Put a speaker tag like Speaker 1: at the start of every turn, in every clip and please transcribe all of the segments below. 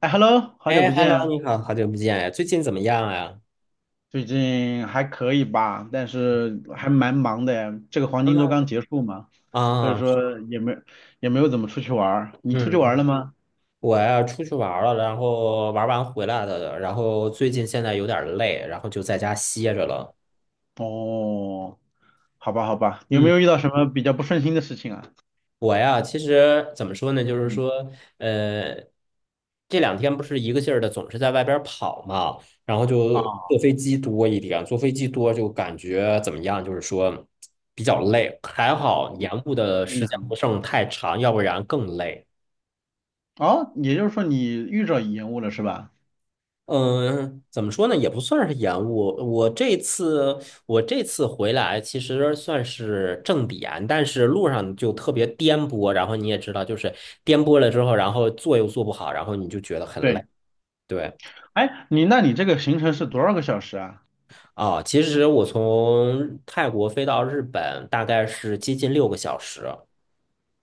Speaker 1: 哎，Hello，好久
Speaker 2: 哎
Speaker 1: 不见
Speaker 2: ，Hello，
Speaker 1: 啊，
Speaker 2: 你好，好久不见呀，最近怎么样呀？
Speaker 1: 最近还可以吧？但是还蛮忙的呀，这个黄金周
Speaker 2: 嗯
Speaker 1: 刚结束嘛，所以
Speaker 2: 啊，
Speaker 1: 说也没有怎么出去玩儿。你出去玩儿
Speaker 2: 嗯，
Speaker 1: 了吗？
Speaker 2: 我呀出去玩儿了，然后玩完回来的，然后最近现在有点儿累，然后就在家歇着了。
Speaker 1: 哦，好吧，好吧，有没
Speaker 2: 嗯，
Speaker 1: 有遇到什么比较不顺心的事情啊？
Speaker 2: 我呀，其实怎么说呢，就是
Speaker 1: 嗯，
Speaker 2: 说，呃，这两天不是一个劲儿的总是在外边儿跑嘛，然后就
Speaker 1: 啊，
Speaker 2: 坐飞机多一点，坐飞机多就感觉怎么样，就是说比较累，还好延
Speaker 1: 嗯，
Speaker 2: 误的
Speaker 1: 听
Speaker 2: 时
Speaker 1: 着
Speaker 2: 间不
Speaker 1: 很，
Speaker 2: 剩太长，要不然更累。
Speaker 1: 哦，也就是说你遇着延误了是吧？
Speaker 2: 嗯，怎么说呢，也不算是延误。我这次我这次回来，其实算是正点，但是路上就特别颠簸。然后你也知道，就是颠簸了之后，然后坐又坐不好，然后你就觉得很累。
Speaker 1: 对，
Speaker 2: 对，
Speaker 1: 哎，你那你这个行程是多少个小时啊？
Speaker 2: 啊，其实我从泰国飞到日本大概是接近六个小时。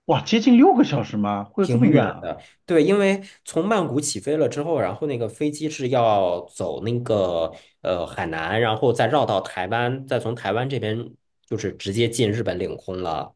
Speaker 1: 哇，接近六个小时吗？会有这么
Speaker 2: 挺
Speaker 1: 远
Speaker 2: 远
Speaker 1: 啊？
Speaker 2: 的，对，因为从曼谷起飞了之后，然后那个飞机是要走那个海南，然后再绕到台湾，再从台湾这边就是直接进日本领空了。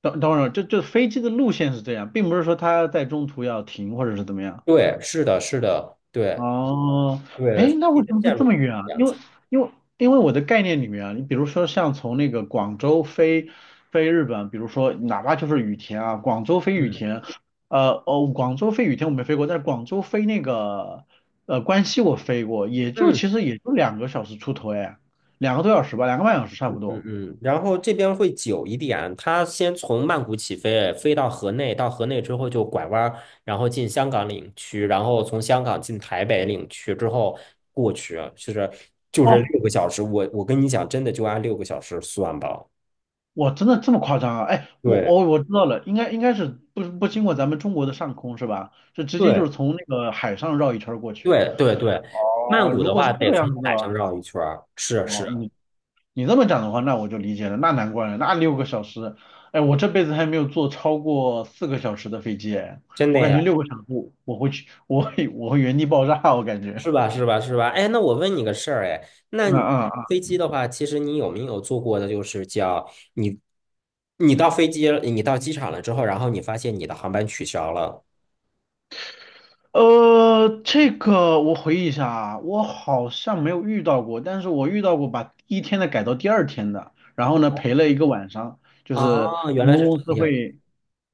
Speaker 1: 等等会儿，这飞机的路线是这样，并不是说它在中途要停或者是怎么样。
Speaker 2: 对，是的，是的，对
Speaker 1: 哦，
Speaker 2: 对，
Speaker 1: 哎，
Speaker 2: 飞
Speaker 1: 那
Speaker 2: 机
Speaker 1: 为
Speaker 2: 的
Speaker 1: 什么会
Speaker 2: 线
Speaker 1: 这
Speaker 2: 路
Speaker 1: 么
Speaker 2: 是
Speaker 1: 远
Speaker 2: 这
Speaker 1: 啊？
Speaker 2: 样子。
Speaker 1: 因为因为我的概念里面啊，你比如说像从那个广州飞日本，比如说哪怕就是羽田啊，广州飞羽
Speaker 2: 嗯
Speaker 1: 田，广州飞羽田我没飞过，但是广州飞那个关西我飞过，
Speaker 2: 嗯。
Speaker 1: 其实也就2个小时出头哎，2个多小时吧，2个半小时差不
Speaker 2: 嗯
Speaker 1: 多。
Speaker 2: 嗯，然后这边会久一点，它先从曼谷起飞，飞到河内，到河内之后就拐弯儿，然后进香港领区，然后从香港进台北领区之后过去，就是
Speaker 1: 哦，
Speaker 2: 六个小时。我跟你讲，真的就按六个小时算吧。
Speaker 1: 哇，真的这么夸张啊？哎，
Speaker 2: 对
Speaker 1: 我知道了，应该是不经过咱们中国的上空是吧？就直接就
Speaker 2: 对
Speaker 1: 是从那个海上绕一圈儿过去。
Speaker 2: 对对对，曼
Speaker 1: 哦，
Speaker 2: 谷
Speaker 1: 如
Speaker 2: 的
Speaker 1: 果
Speaker 2: 话
Speaker 1: 是这
Speaker 2: 得
Speaker 1: 个样
Speaker 2: 从
Speaker 1: 子的
Speaker 2: 海
Speaker 1: 话
Speaker 2: 上绕一圈儿，是
Speaker 1: 哦，
Speaker 2: 是，
Speaker 1: 你这么讲的话，那我就理解了，那难怪了，那六个小时，哎，我这辈子还没有坐超过4个小时的飞机，哎，
Speaker 2: 真
Speaker 1: 我
Speaker 2: 的
Speaker 1: 感
Speaker 2: 呀。
Speaker 1: 觉六个小时我会去，我会原地爆炸，我感觉。
Speaker 2: 是吧？是吧？是吧？哎，那我问你个事儿，哎，那
Speaker 1: 嗯
Speaker 2: 你
Speaker 1: 嗯
Speaker 2: 飞机的话，其实你有没有做过的，就是叫你，你到飞机，你到机场了之后，然后你发现你的航班取消了。
Speaker 1: 这个我回忆一下啊，我好像没有遇到过，但是我遇到过把第一天的改到第二天的，然后呢赔了一个晚上，就是
Speaker 2: 啊，原
Speaker 1: 航
Speaker 2: 来
Speaker 1: 空
Speaker 2: 是
Speaker 1: 公
Speaker 2: 这
Speaker 1: 司
Speaker 2: 个样子。
Speaker 1: 会，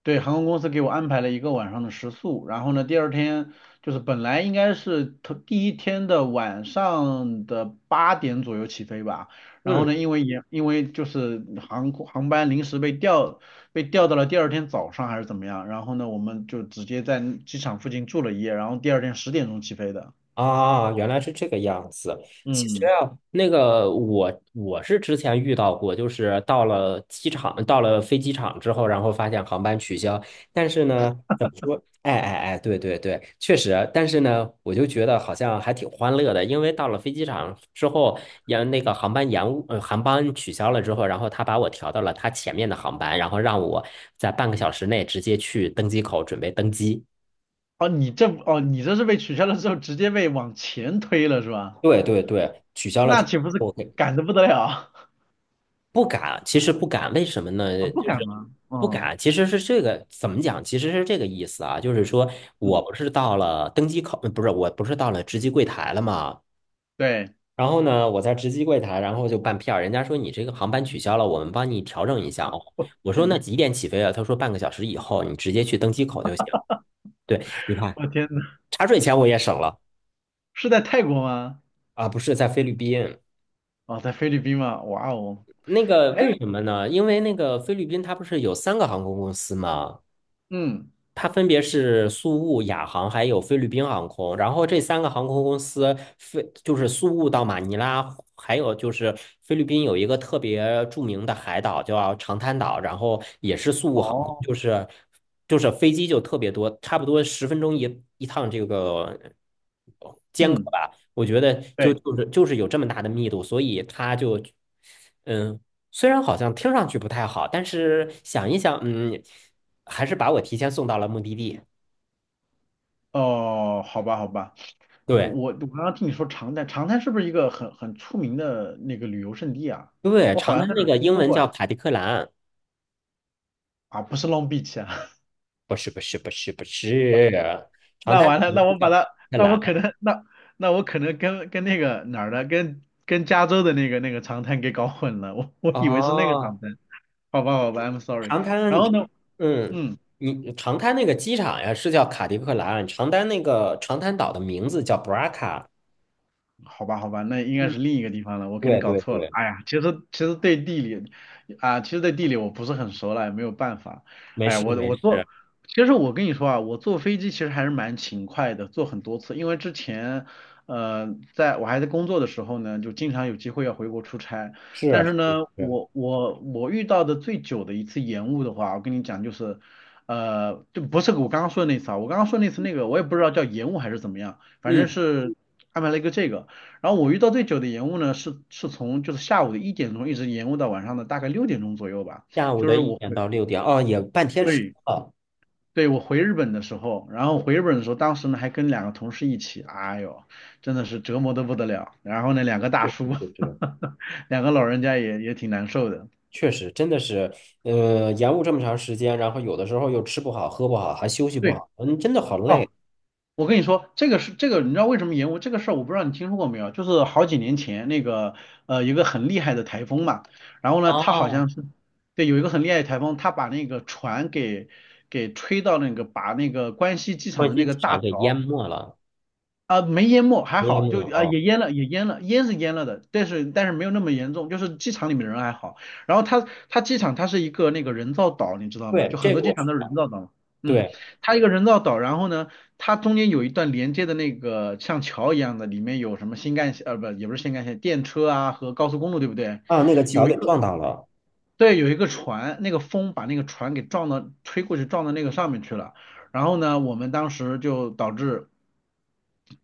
Speaker 1: 对，航空公司给我安排了一个晚上的食宿，然后呢第二天就是本来应该是头第一天的晚上的8点左右起飞吧，然后
Speaker 2: 嗯
Speaker 1: 呢因为就是航空航班临时被调到了第二天早上还是怎么样，然后呢，我们就直接在机场附近住了一夜，然后第二天10点钟起飞的。
Speaker 2: 啊，原来是这个样子。其实
Speaker 1: 嗯，
Speaker 2: 啊，那个我是之前遇到过，就是到了机场，到了飞机场之后，然后发现航班取消。但是呢，怎么说？哎哎哎，对对对，确实。但是呢，我就觉得好像还挺欢乐的，因为到了飞机场之后，那个航班延误，航班取消了之后，然后他把我调到了他前面的航班，然后让我在半个小时内直接去登机口准备登机。
Speaker 1: 哦，哦，你这是被取消了之后直接被往前推了是吧？
Speaker 2: 对对对，取消了
Speaker 1: 那
Speaker 2: 之
Speaker 1: 岂不是
Speaker 2: 后。
Speaker 1: 赶得不得了
Speaker 2: 不敢，其实不敢，为什么
Speaker 1: 啊？
Speaker 2: 呢？
Speaker 1: 不
Speaker 2: 就
Speaker 1: 赶
Speaker 2: 是
Speaker 1: 吗？
Speaker 2: 不
Speaker 1: 哦，
Speaker 2: 敢，其实是这个怎么讲？其实是这个意思啊，就是说
Speaker 1: 嗯，
Speaker 2: 我不是到了登机口，不是，我不是到了值机柜台了嘛。
Speaker 1: 对，
Speaker 2: 然后呢，我在值机柜台，然后就办票，人家说你这个航班取消了，我们帮你调整一下哦。
Speaker 1: 我
Speaker 2: 我说
Speaker 1: 天
Speaker 2: 那
Speaker 1: 呐，
Speaker 2: 几点起飞啊？他说半个小时以后，你直接去登机口就行。对，你看
Speaker 1: 我天呐，
Speaker 2: 茶水钱我也省了
Speaker 1: 是在泰国吗？
Speaker 2: 啊，不是在菲律宾。
Speaker 1: 哦，在菲律宾吗？哇哦，
Speaker 2: 那个
Speaker 1: 哎，
Speaker 2: 为什么呢？因为那个菲律宾它不是有三个航空公司吗？
Speaker 1: 嗯，
Speaker 2: 它分别是苏雾、亚航还有菲律宾航空，然后这三个航空公司，飞就是苏雾到马尼拉，还有就是菲律宾有一个特别著名的海岛叫长滩岛，然后也是苏雾航空，
Speaker 1: 哦，
Speaker 2: 就是飞机就特别多，差不多十分钟一趟这个，
Speaker 1: 嗯，
Speaker 2: 我觉得就
Speaker 1: 对，
Speaker 2: 就是就是有这么大的密度，所以它就嗯。虽然好像听上去不太好，但是想一想，嗯，还是把我提前送到了目的地。
Speaker 1: 哦，好吧，好吧。
Speaker 2: 对
Speaker 1: 刚刚听你说长滩，长滩是不是一个很出名的那个旅游胜地啊？
Speaker 2: 对，
Speaker 1: 我好
Speaker 2: 长
Speaker 1: 像
Speaker 2: 滩
Speaker 1: 在哪
Speaker 2: 那
Speaker 1: 儿
Speaker 2: 个
Speaker 1: 听
Speaker 2: 英
Speaker 1: 说
Speaker 2: 文
Speaker 1: 过哎。
Speaker 2: 叫卡迪克兰，
Speaker 1: 啊，不是 Long Beach 啊，
Speaker 2: 不是不是不是不是，长
Speaker 1: 那
Speaker 2: 滩
Speaker 1: 完了，
Speaker 2: 名
Speaker 1: 那
Speaker 2: 字
Speaker 1: 我把
Speaker 2: 叫卡迪
Speaker 1: 它，
Speaker 2: 克
Speaker 1: 那
Speaker 2: 兰。
Speaker 1: 我可能，那我可能跟那个哪儿的，跟加州的那个长滩给搞混了，我以为是那个长
Speaker 2: 哦，
Speaker 1: 滩，好吧好吧，I'm sorry。
Speaker 2: 长
Speaker 1: 然
Speaker 2: 滩，
Speaker 1: 后呢，
Speaker 2: 嗯，
Speaker 1: 嗯。
Speaker 2: 你长滩那个机场呀是叫卡迪克兰，长滩那个长滩岛的名字叫布拉卡。
Speaker 1: 好吧，好吧，那应该
Speaker 2: 嗯，
Speaker 1: 是另一个地方了，我肯定
Speaker 2: 对
Speaker 1: 搞
Speaker 2: 对
Speaker 1: 错了。
Speaker 2: 对，
Speaker 1: 哎呀，其实对地理啊，其实对地理我不是很熟了，也没有办法。
Speaker 2: 没
Speaker 1: 哎呀，
Speaker 2: 事
Speaker 1: 我
Speaker 2: 没
Speaker 1: 我
Speaker 2: 事，
Speaker 1: 坐，其实我跟你说啊，我坐飞机其实还是蛮勤快的，坐很多次，因为之前在我还在工作的时候呢，就经常有机会要回国出差，但
Speaker 2: 是
Speaker 1: 是
Speaker 2: 是
Speaker 1: 呢，
Speaker 2: 是，
Speaker 1: 我遇到的最久的一次延误的话，我跟你讲就是。就不是我刚刚说的那次啊，我刚刚说那次那个，我也不知道叫延误还是怎么样，反正
Speaker 2: 嗯，
Speaker 1: 是安排了一个这个。然后我遇到最久的延误呢，是从就是下午的1点钟一直延误到晚上的大概6点钟左右吧。
Speaker 2: 下午
Speaker 1: 就
Speaker 2: 的
Speaker 1: 是
Speaker 2: 一
Speaker 1: 我
Speaker 2: 点
Speaker 1: 回
Speaker 2: 到六点，哦，也半天时间
Speaker 1: 对，
Speaker 2: 了，
Speaker 1: 对，我回日本的时候，然后回日本的时候，当时呢还跟两个同事一起，哎呦，真的是折磨的不得了。然后呢，两个大
Speaker 2: 就
Speaker 1: 叔，
Speaker 2: 是。
Speaker 1: 两个老人家也挺难受的。
Speaker 2: 确实，真的是，延误这么长时间，然后有的时候又吃不好、喝不好，还休息不
Speaker 1: 对，
Speaker 2: 好，嗯，真的好
Speaker 1: 哦，
Speaker 2: 累。
Speaker 1: 我跟你说，这个是这个，你知道为什么延误这个事儿？我不知道你听说过没有，就是好几年前那个有一个很厉害的台风嘛，然后呢，它好
Speaker 2: 哦，
Speaker 1: 像是对有一个很厉害的台风，它把那个船给吹到那个把那个关西机场的
Speaker 2: 关西
Speaker 1: 那个
Speaker 2: 机
Speaker 1: 大
Speaker 2: 场给淹
Speaker 1: 桥。
Speaker 2: 没了，
Speaker 1: 啊，没淹没，还
Speaker 2: 淹
Speaker 1: 好，
Speaker 2: 没
Speaker 1: 就
Speaker 2: 了
Speaker 1: 啊
Speaker 2: 哦。
Speaker 1: 也淹了，也淹了，淹是淹了的，但是没有那么严重，就是机场里面人还好。然后它机场它是一个那个人造岛，你知道吗？
Speaker 2: 对，
Speaker 1: 就很
Speaker 2: 这
Speaker 1: 多
Speaker 2: 个
Speaker 1: 机
Speaker 2: 我知
Speaker 1: 场都是人
Speaker 2: 道。
Speaker 1: 造岛，嗯，
Speaker 2: 对
Speaker 1: 它一个人造岛，然后呢，它中间有一段连接的那个像桥一样的，里面有什么新干线，不，也不是新干线，电车啊和高速公路，对不对？
Speaker 2: 啊，那个桥
Speaker 1: 有一
Speaker 2: 给
Speaker 1: 个
Speaker 2: 撞到了。
Speaker 1: 对，有一个船，那个风把那个船给撞到，吹过去撞到那个上面去了。然后呢，我们当时就导致。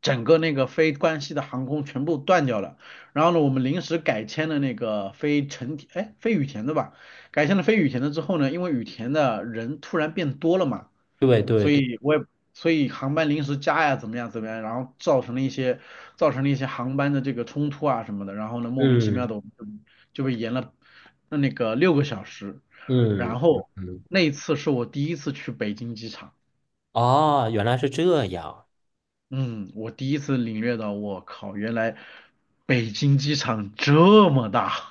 Speaker 1: 整个那个非关西的航空全部断掉了。然后呢，我们临时改签了那个飞成田，哎，飞羽田的吧？改签了飞羽田的之后呢，因为羽田的人突然变多了嘛，
Speaker 2: 对对
Speaker 1: 所
Speaker 2: 对，
Speaker 1: 以我也所以航班临时加呀，怎么样怎么样，然后造成了一些航班的这个冲突啊什么的。然后呢，莫名其妙
Speaker 2: 嗯
Speaker 1: 的我们就被延了那个六个小时。
Speaker 2: 嗯
Speaker 1: 然
Speaker 2: 嗯
Speaker 1: 后
Speaker 2: 嗯，
Speaker 1: 那一次是我第一次去北京机场。
Speaker 2: 哦，原来是这样。
Speaker 1: 嗯，我第一次领略到，我靠，原来北京机场这么大。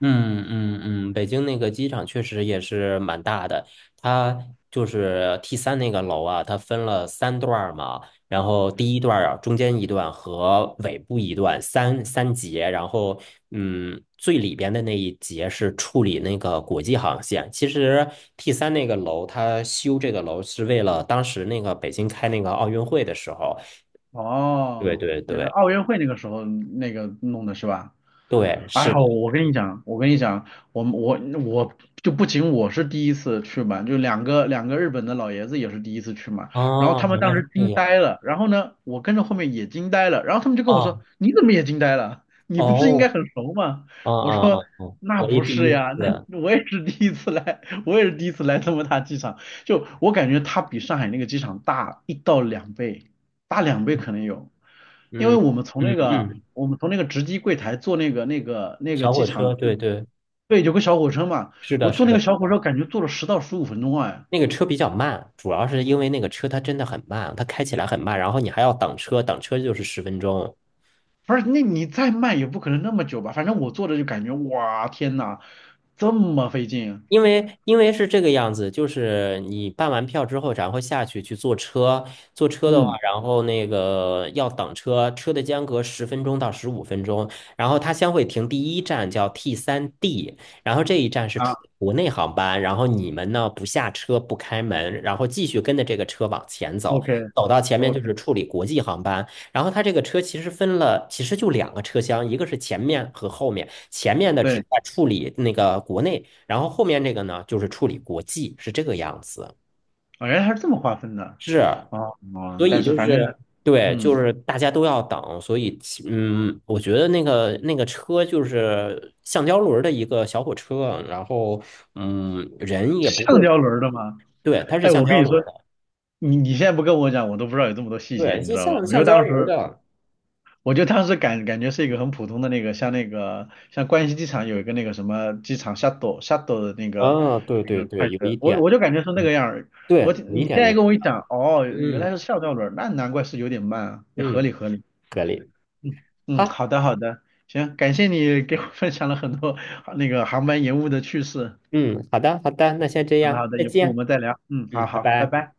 Speaker 2: 嗯嗯嗯，北京那个机场确实也是蛮大的，它就是 T 三那个楼啊，它分了三段儿嘛，然后第一段儿啊，中间一段和尾部一段三节，然后嗯，最里边的那一节是处理那个国际航线。其实 T 三那个楼，它修这个楼是为了当时那个北京开那个奥运会的时候，对
Speaker 1: 哦，
Speaker 2: 对
Speaker 1: 原来
Speaker 2: 对
Speaker 1: 奥运会那个时候那个弄的是吧？
Speaker 2: 对，
Speaker 1: 哎
Speaker 2: 是的，
Speaker 1: 呦，我跟你讲，我们我我不仅我是第一次去嘛，就两个两个日本的老爷子也是第一次去嘛，然后
Speaker 2: 哦，
Speaker 1: 他们
Speaker 2: 原
Speaker 1: 当
Speaker 2: 来是
Speaker 1: 时
Speaker 2: 这
Speaker 1: 惊
Speaker 2: 样
Speaker 1: 呆了，然后呢，我跟着后面也惊呆了，然后他们就跟我
Speaker 2: 啊，
Speaker 1: 说，你怎么也惊呆了？你不是应该
Speaker 2: 哦。
Speaker 1: 很熟吗？
Speaker 2: 嗯
Speaker 1: 我
Speaker 2: 嗯
Speaker 1: 说
Speaker 2: 嗯嗯，
Speaker 1: 那
Speaker 2: 我也
Speaker 1: 不
Speaker 2: 第
Speaker 1: 是
Speaker 2: 一
Speaker 1: 呀，那
Speaker 2: 次，
Speaker 1: 我也是第一次来，我也是第一次来这么大机场，就我感觉它比上海那个机场大1到2倍，大两倍可能有。因为
Speaker 2: 嗯
Speaker 1: 我们从
Speaker 2: 嗯
Speaker 1: 那个
Speaker 2: 嗯，
Speaker 1: 值机柜台坐那个
Speaker 2: 小
Speaker 1: 机
Speaker 2: 火车，
Speaker 1: 场就
Speaker 2: 对对，
Speaker 1: 对有个小火车嘛，
Speaker 2: 是
Speaker 1: 我
Speaker 2: 的，
Speaker 1: 坐
Speaker 2: 是
Speaker 1: 那个
Speaker 2: 的，
Speaker 1: 小火车感觉坐了10到15分钟哎，
Speaker 2: 那个车比较慢，主要是因为那个车它真的很慢，它开起来很慢，然后你还要等车，等车就是十分钟。
Speaker 1: 不是那你再慢也不可能那么久吧，反正我坐着就感觉哇天呐，这么费劲，
Speaker 2: 因为是这个样子，就是你办完票之后，然后下去去坐车，坐车的话，
Speaker 1: 嗯
Speaker 2: 然后那个要等车，车的间隔10分钟到15分钟，然后它将会停第一站叫 T 三 D，然后这一站是出
Speaker 1: 啊
Speaker 2: 国内航班，然后你们呢不下车不开门，然后继续跟着这个车往前走，
Speaker 1: ，OK
Speaker 2: 走到前面就
Speaker 1: OK,
Speaker 2: 是处理国际航班，然后它这个车其实分了，其实就两个车厢，一个是前面和后面，前面的只
Speaker 1: 对，
Speaker 2: 在处理那个国内。然后后面这个呢，就是处理国际，是这个样子。
Speaker 1: 啊原来还是这么划分的，
Speaker 2: 是，
Speaker 1: 哦
Speaker 2: 所
Speaker 1: 哦，
Speaker 2: 以
Speaker 1: 但是
Speaker 2: 就
Speaker 1: 反正
Speaker 2: 是对，就
Speaker 1: 嗯
Speaker 2: 是大家都要等，所以我觉得那个车就是橡胶轮儿的一个小火车，然后嗯，人也不
Speaker 1: 橡
Speaker 2: 会，
Speaker 1: 胶轮儿的嘛，
Speaker 2: 对，它是
Speaker 1: 哎
Speaker 2: 橡
Speaker 1: 我跟
Speaker 2: 胶
Speaker 1: 你
Speaker 2: 轮
Speaker 1: 说。
Speaker 2: 儿的，
Speaker 1: 你现在不跟我讲，我都不知道有这么多细节，
Speaker 2: 对，
Speaker 1: 你知
Speaker 2: 就
Speaker 1: 道吗？
Speaker 2: 像橡胶轮儿的，
Speaker 1: 我就当时觉是一个很普通的那个，像那个像关西机场有一个那个什么机场 shuttle 的那个
Speaker 2: 啊，对
Speaker 1: 那
Speaker 2: 对
Speaker 1: 个
Speaker 2: 对，
Speaker 1: 快
Speaker 2: 有一
Speaker 1: 车，
Speaker 2: 点，
Speaker 1: 我就感觉是那
Speaker 2: 嗯，
Speaker 1: 个样儿。我
Speaker 2: 对，有一
Speaker 1: 你
Speaker 2: 点
Speaker 1: 现
Speaker 2: 那
Speaker 1: 在
Speaker 2: 个，
Speaker 1: 跟我一讲，哦，原来
Speaker 2: 嗯
Speaker 1: 是校吊轮儿那难怪是有点慢啊，也合
Speaker 2: 嗯，
Speaker 1: 理合理。
Speaker 2: 可以，
Speaker 1: 嗯嗯，
Speaker 2: 好，
Speaker 1: 好的好的，行，感谢你给我 分享了很多 那个航班延误的趣事。
Speaker 2: 嗯，好的好的，那先这
Speaker 1: 好的
Speaker 2: 样，
Speaker 1: 好的，
Speaker 2: 再
Speaker 1: 有空我
Speaker 2: 见，
Speaker 1: 们再聊。嗯，好
Speaker 2: 嗯，拜
Speaker 1: 好，拜
Speaker 2: 拜。
Speaker 1: 拜。